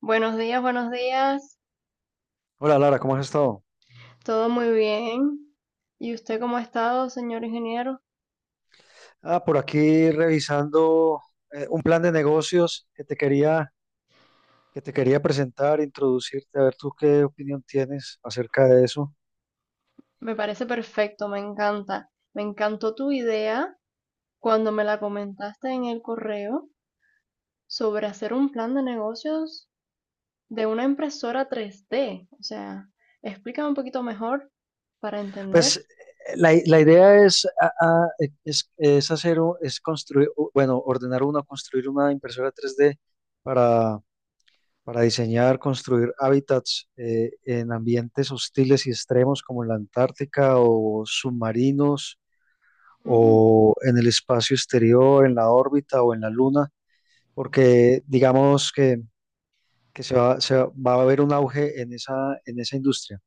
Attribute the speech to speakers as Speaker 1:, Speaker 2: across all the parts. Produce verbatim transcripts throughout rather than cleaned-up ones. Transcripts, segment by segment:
Speaker 1: Buenos días, buenos días.
Speaker 2: Hola Lara, ¿cómo has estado?
Speaker 1: Todo muy bien. ¿Y usted cómo ha estado, señor ingeniero?
Speaker 2: Ah, por aquí revisando eh, un plan de negocios que te quería, que te quería presentar, introducirte, a ver tú qué opinión tienes acerca de eso.
Speaker 1: Me parece perfecto, me encanta. Me encantó tu idea cuando me la comentaste en el correo sobre hacer un plan de negocios de una impresora tres D. O sea, explícame un poquito mejor para
Speaker 2: Pues
Speaker 1: entender.
Speaker 2: eh, la, i- la idea es, ah, ah, eh, es, es hacer, un- es construir, u- bueno, ordenar una, construir una impresora tres d para, para diseñar, construir hábitats eh, en ambientes hostiles y extremos como la Antártica o submarinos
Speaker 1: Mm.
Speaker 2: o en el espacio exterior, en la órbita o en la luna, porque digamos que, que se va, se va a haber un auge en esa, en esa industria.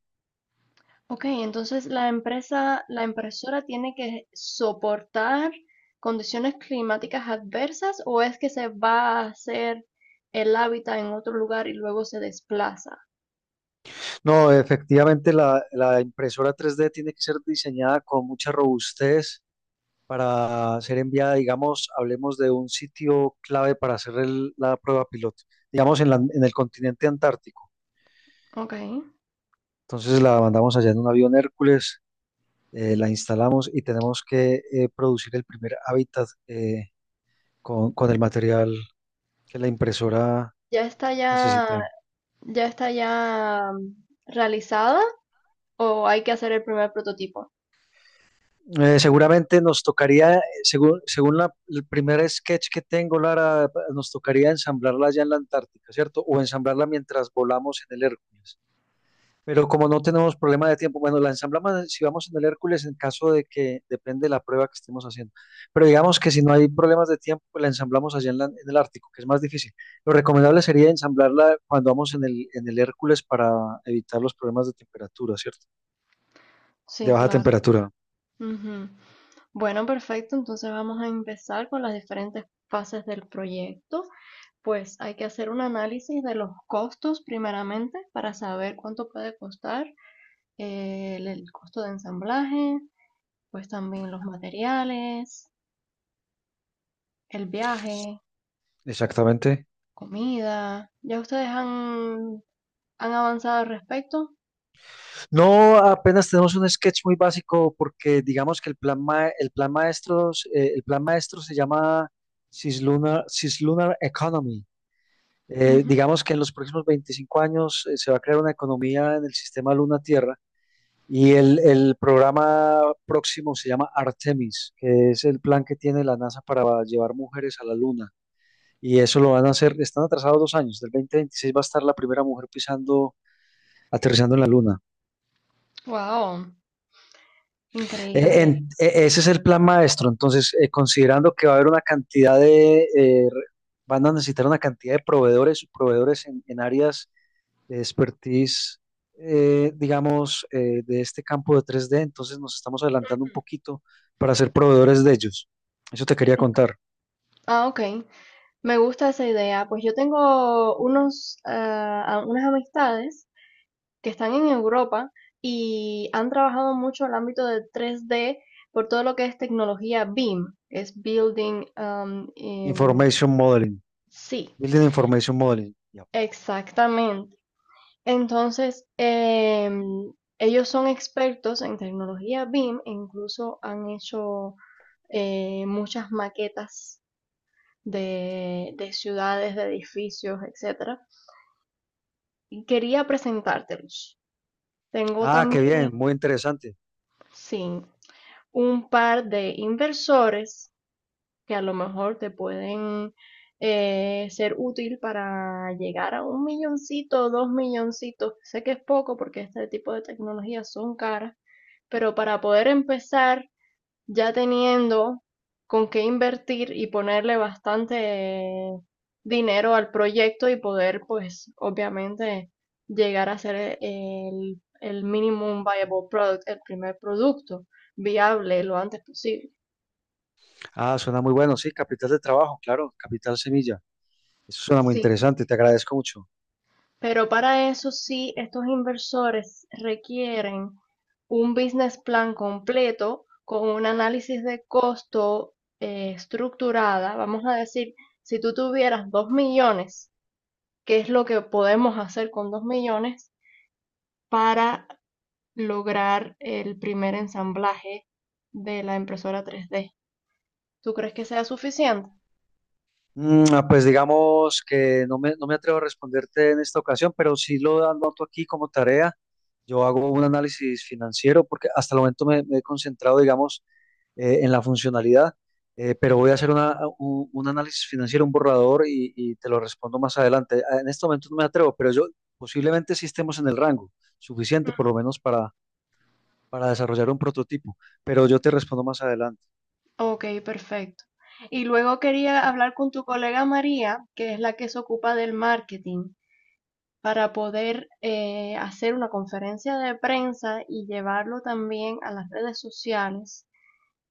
Speaker 1: Ok, entonces la empresa, la impresora tiene que soportar condiciones climáticas adversas o es que se va a hacer el hábitat en otro lugar y luego se desplaza.
Speaker 2: No, efectivamente la, la impresora tres d tiene que ser diseñada con mucha robustez para ser enviada, digamos, hablemos de un sitio clave para hacer el- la prueba piloto, digamos en, la- en el continente antártico.
Speaker 1: Ok,
Speaker 2: Entonces la mandamos allá en un avión Hércules, eh, la instalamos y tenemos que eh, producir el primer hábitat. eh, con, con el material que la impresora
Speaker 1: ya está ya,
Speaker 2: necesita.
Speaker 1: ya está ya mm, realizada o hay que hacer el primer prototipo.
Speaker 2: Eh, seguramente nos tocaría, eh, según, según la- el primer sketch que tengo, Lara, nos tocaría ensamblarla allá en la Antártica, ¿cierto? O ensamblarla mientras volamos en el Hércules. Pero como no tenemos problema de tiempo, bueno, la ensamblamos si vamos en el Hércules en caso de que depende de la prueba que estemos haciendo. Pero digamos que si no hay problemas de tiempo, pues la ensamblamos allá en, la- en el Ártico, que es más difícil. Lo recomendable sería ensamblarla cuando vamos en el, en el Hércules para evitar los problemas de temperatura, ¿cierto? De
Speaker 1: Sí,
Speaker 2: baja
Speaker 1: claro.
Speaker 2: temperatura,
Speaker 1: Ujú. Bueno, perfecto. Entonces vamos a empezar con las diferentes fases del proyecto. Pues hay que hacer un análisis de los costos primeramente para saber cuánto puede costar eh, el, el costo de ensamblaje, pues también los materiales, el viaje,
Speaker 2: exactamente.
Speaker 1: comida. ¿Ya ustedes han, han avanzado al respecto?
Speaker 2: No, apenas tenemos un sketch muy básico porque digamos que el plan, ma- el plan maestro, el plan maestro se llama Cislunar, Cislunar Economy. Eh,
Speaker 1: Ujú.
Speaker 2: digamos que en los próximos veinticinco años eh, se va a crear una economía en el sistema Luna-Tierra y el, el programa próximo se llama Artemis, que es el plan que tiene la NASA para llevar mujeres a la Luna. Y eso lo van a hacer, están atrasados dos años, del dos mil veintiséis va a estar la primera mujer pisando, aterrizando en la Luna.
Speaker 1: Wow,
Speaker 2: Eh,
Speaker 1: increíble.
Speaker 2: en- e- ese es el plan maestro, entonces eh, considerando que va a haber una cantidad de, eh, re- van a necesitar una cantidad de proveedores, proveedores en en áreas de expertise, eh, digamos, eh, de este campo de tres d, entonces nos estamos adelantando un poquito para ser proveedores de ellos. Eso te quería contar.
Speaker 1: Ah, ok. Me gusta esa idea. Pues yo tengo unos, ah, unas amistades que están en Europa y han trabajado mucho el ámbito de tres D por todo lo que es tecnología B I M, que es Building, um, em,
Speaker 2: Information Modeling,
Speaker 1: sí,
Speaker 2: Building Information Modeling. Ya.
Speaker 1: exactamente. Entonces, em, ellos son expertos en tecnología B I M e incluso han hecho eh, muchas maquetas de, de ciudades, de edificios, etcétera. Y quería presentártelos. Tengo
Speaker 2: Ah, qué bien,
Speaker 1: también,
Speaker 2: muy interesante.
Speaker 1: sí, un par de inversores que a lo mejor te pueden eh, ser útil para llegar a un milloncito, dos milloncitos. Sé que es poco porque este tipo de tecnologías son caras, pero para poder empezar ya teniendo con qué invertir y ponerle bastante dinero al proyecto y poder, pues, obviamente llegar a ser eh, el, el minimum viable product, el primer producto viable lo antes posible.
Speaker 2: Ah, suena muy bueno, sí, capital de trabajo, claro, capital semilla. Eso suena muy
Speaker 1: Sí,
Speaker 2: interesante, te agradezco mucho.
Speaker 1: pero para eso sí, estos inversores requieren un business plan completo con un análisis de costo eh, estructurada. Vamos a decir, si tú tuvieras dos millones qué es lo que podemos hacer con dos millones para lograr el primer ensamblaje de la impresora tres D. ¿Tú crees que sea suficiente?
Speaker 2: Mm, ah, pues digamos que no me, no me atrevo a responderte en esta ocasión, pero sí lo anoto aquí como tarea. Yo hago un análisis financiero porque hasta el momento me, me he concentrado, digamos, eh, en la funcionalidad, eh, pero voy a hacer una- un, un análisis financiero, un borrador y, y te lo respondo más adelante. Ah, en este momento no me atrevo, pero yo posiblemente sí estemos en el rango suficiente, por lo menos para, para desarrollar un prototipo, pero yo te respondo más adelante.
Speaker 1: Ok, perfecto. Y luego quería hablar con tu colega María, que es la que se ocupa del marketing, para poder eh, hacer una conferencia de prensa y llevarlo también a las redes sociales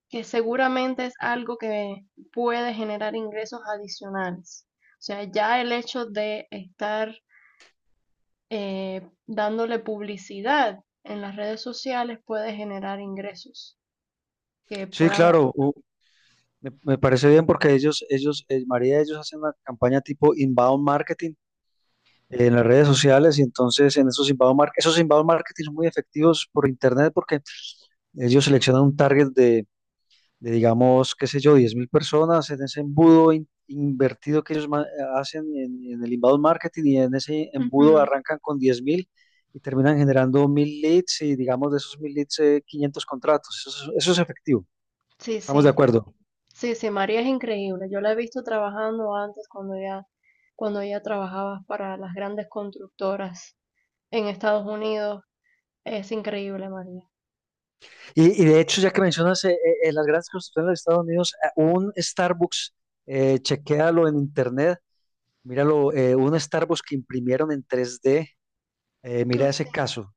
Speaker 1: que seguramente es algo que puede generar ingresos adicionales. O sea, ya el hecho de estar eh, dándole publicidad en las redes sociales puede generar ingresos que
Speaker 2: Sí,
Speaker 1: puedan
Speaker 2: claro,
Speaker 1: aportar.
Speaker 2: u- me, me parece bien porque ellos, ellos, eh, María, ellos hacen una campaña tipo inbound marketing eh, en las redes sociales y entonces en esos inbound, mar- esos inbound marketing son muy efectivos por internet porque ellos seleccionan un target de, de, digamos, qué sé yo, diez mil personas en ese embudo in- invertido que ellos ma- hacen en, en el inbound marketing y en ese embudo
Speaker 1: Ujú.
Speaker 2: arrancan con diez mil y terminan generando mil leads y digamos de esos mil leads eh, quinientos contratos. Eso, es- eso es efectivo.
Speaker 1: Sí,
Speaker 2: Estamos
Speaker 1: sí,
Speaker 2: de acuerdo.
Speaker 1: sí, sí, María es increíble. Yo la he visto trabajando antes cuando ella, cuando ella trabajaba para las grandes constructoras en Estados Unidos. Es increíble, María.
Speaker 2: Y, y de hecho, ya que mencionas eh, eh, las grandes construcciones de los Estados Unidos, eh, un Starbucks, eh, chequéalo en internet, míralo, eh, un Starbucks que imprimieron en tres D, eh,
Speaker 1: Oh,
Speaker 2: mira
Speaker 1: sí.
Speaker 2: ese caso.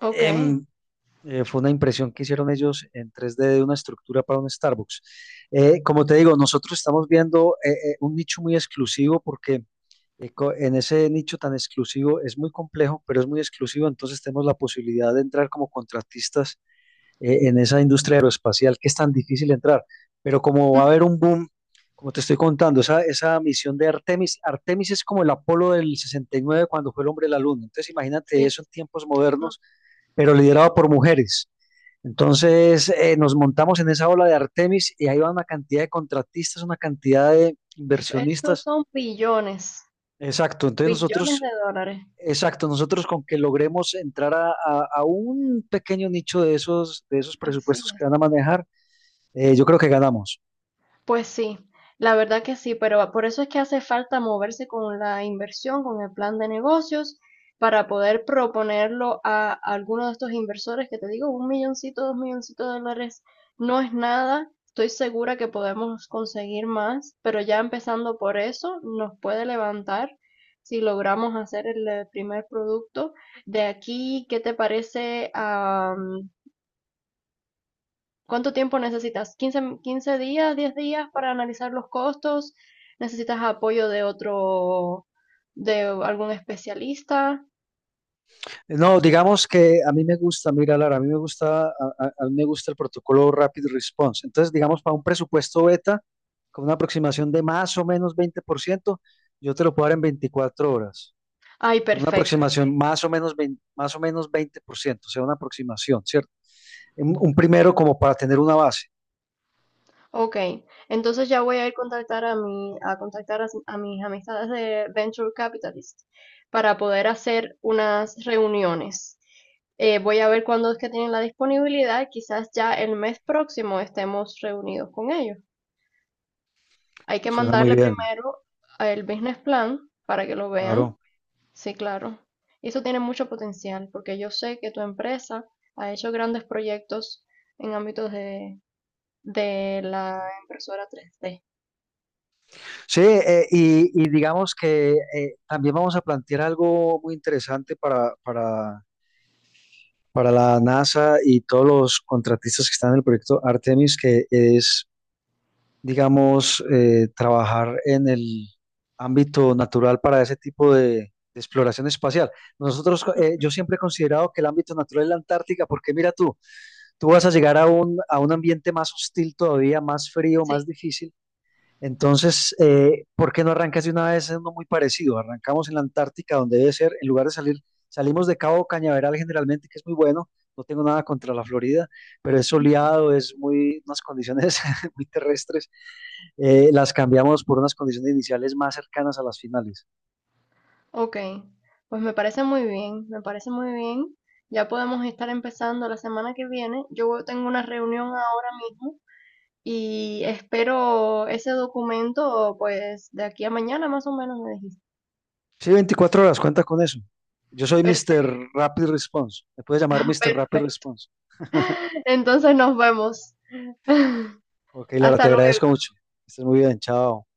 Speaker 1: Ok.
Speaker 2: Em, eh, Fue una impresión que hicieron ellos en tres D de una estructura para un Starbucks. Eh, como te digo, nosotros estamos viendo eh, eh, un nicho muy exclusivo porque eh, co- en ese nicho tan exclusivo es muy complejo, pero es muy exclusivo, entonces tenemos la posibilidad de entrar como contratistas eh, en esa industria aeroespacial que es tan difícil entrar. Pero como va a haber
Speaker 1: Ujú.
Speaker 2: un boom, como te estoy contando, esa, esa misión de Artemis, Artemis es como el Apolo del sesenta y nueve cuando fue el hombre a la luna. Entonces imagínate
Speaker 1: Sí.
Speaker 2: eso en tiempos modernos, pero liderado por mujeres. Entonces eh, nos montamos en esa ola de Artemis y ahí va una cantidad de contratistas, una cantidad de
Speaker 1: Uf, esos
Speaker 2: inversionistas.
Speaker 1: son billones,
Speaker 2: Exacto, entonces
Speaker 1: billones
Speaker 2: nosotros,
Speaker 1: de dólares.
Speaker 2: exacto, nosotros con que logremos entrar a, a- a un pequeño nicho de esos, de esos
Speaker 1: Así
Speaker 2: presupuestos que
Speaker 1: es.
Speaker 2: van a manejar, eh, yo creo que ganamos.
Speaker 1: Pues sí, la verdad que sí, pero por eso es que hace falta moverse con la inversión, con el plan de negocios, para poder proponerlo a alguno de estos inversores que te digo, un milloncito, dos milloncitos de dólares no es nada. Estoy segura que podemos conseguir más, pero ya empezando por eso nos puede levantar si logramos hacer el eh, primer producto. De aquí, ¿qué te parece? ¿Cuánto tiempo necesitas? ¿quince, quince días, diez días para analizar los costos? ¿Necesitas apoyo de otro, de algún especialista?
Speaker 2: No, digamos que a mí me gusta, mira, Lara, a mí me gusta, a, a a mí me gusta el protocolo Rapid Response. Entonces, digamos, para un presupuesto beta, con una aproximación de más o menos veinte por ciento yo te lo puedo dar en veinticuatro horas.
Speaker 1: Ay,
Speaker 2: Con una
Speaker 1: perfecto.
Speaker 2: aproximación, ok, más o menos veinte, más o menos veinte por ciento, o sea, una aproximación, ¿cierto? Un, un primero como para tener una base.
Speaker 1: Ok, entonces ya voy a ir contactar a mi, a contactar a, a mis amistades de Venture Capitalist para poder hacer unas reuniones. Eh, voy a ver cuándo es que tienen la disponibilidad. Quizás ya el mes próximo estemos reunidos con ellos. Hay que
Speaker 2: Suena muy
Speaker 1: mandarle
Speaker 2: bien,
Speaker 1: primero el business plan para que lo vean.
Speaker 2: claro.
Speaker 1: Sí, claro. Y eso tiene mucho potencial, porque yo sé que tu empresa ha hecho grandes proyectos en ámbitos de, de la impresora tres D.
Speaker 2: Sí, eh, y, y digamos que eh, también vamos a plantear algo muy interesante para, para para la NASA y todos los contratistas que están en el proyecto Artemis, que es, digamos, eh, trabajar en el ámbito natural para ese tipo de, de exploración espacial. Nosotros, eh, yo siempre he considerado que el ámbito natural es la Antártica, porque mira tú, tú vas a llegar a un, a un ambiente más hostil todavía, más frío,
Speaker 1: Sí,
Speaker 2: más difícil, entonces, eh, ¿por qué no arrancas de una vez en uno muy parecido? Arrancamos en la Antártica, donde debe ser. En lugar de salir, salimos de Cabo Cañaveral generalmente, que es muy bueno, no tengo nada contra la Florida, pero es soleado, es muy, unas condiciones muy terrestres, eh, las cambiamos por unas condiciones iniciales más cercanas a las finales.
Speaker 1: ok, pues me parece muy bien, me parece muy bien. Ya podemos estar empezando la semana que viene. Yo tengo una reunión ahora mismo y espero ese documento, pues, de aquí a mañana más o menos me dijiste.
Speaker 2: Sí, veinticuatro horas, cuenta con eso. Yo soy míster
Speaker 1: Perfecto,
Speaker 2: Rapid Response, me puedes llamar míster Rapid
Speaker 1: perfecto.
Speaker 2: Response.
Speaker 1: Entonces nos vemos.
Speaker 2: Ok, Lara, te
Speaker 1: Hasta
Speaker 2: agradezco
Speaker 1: luego.
Speaker 2: mucho. Estás muy bien, chao.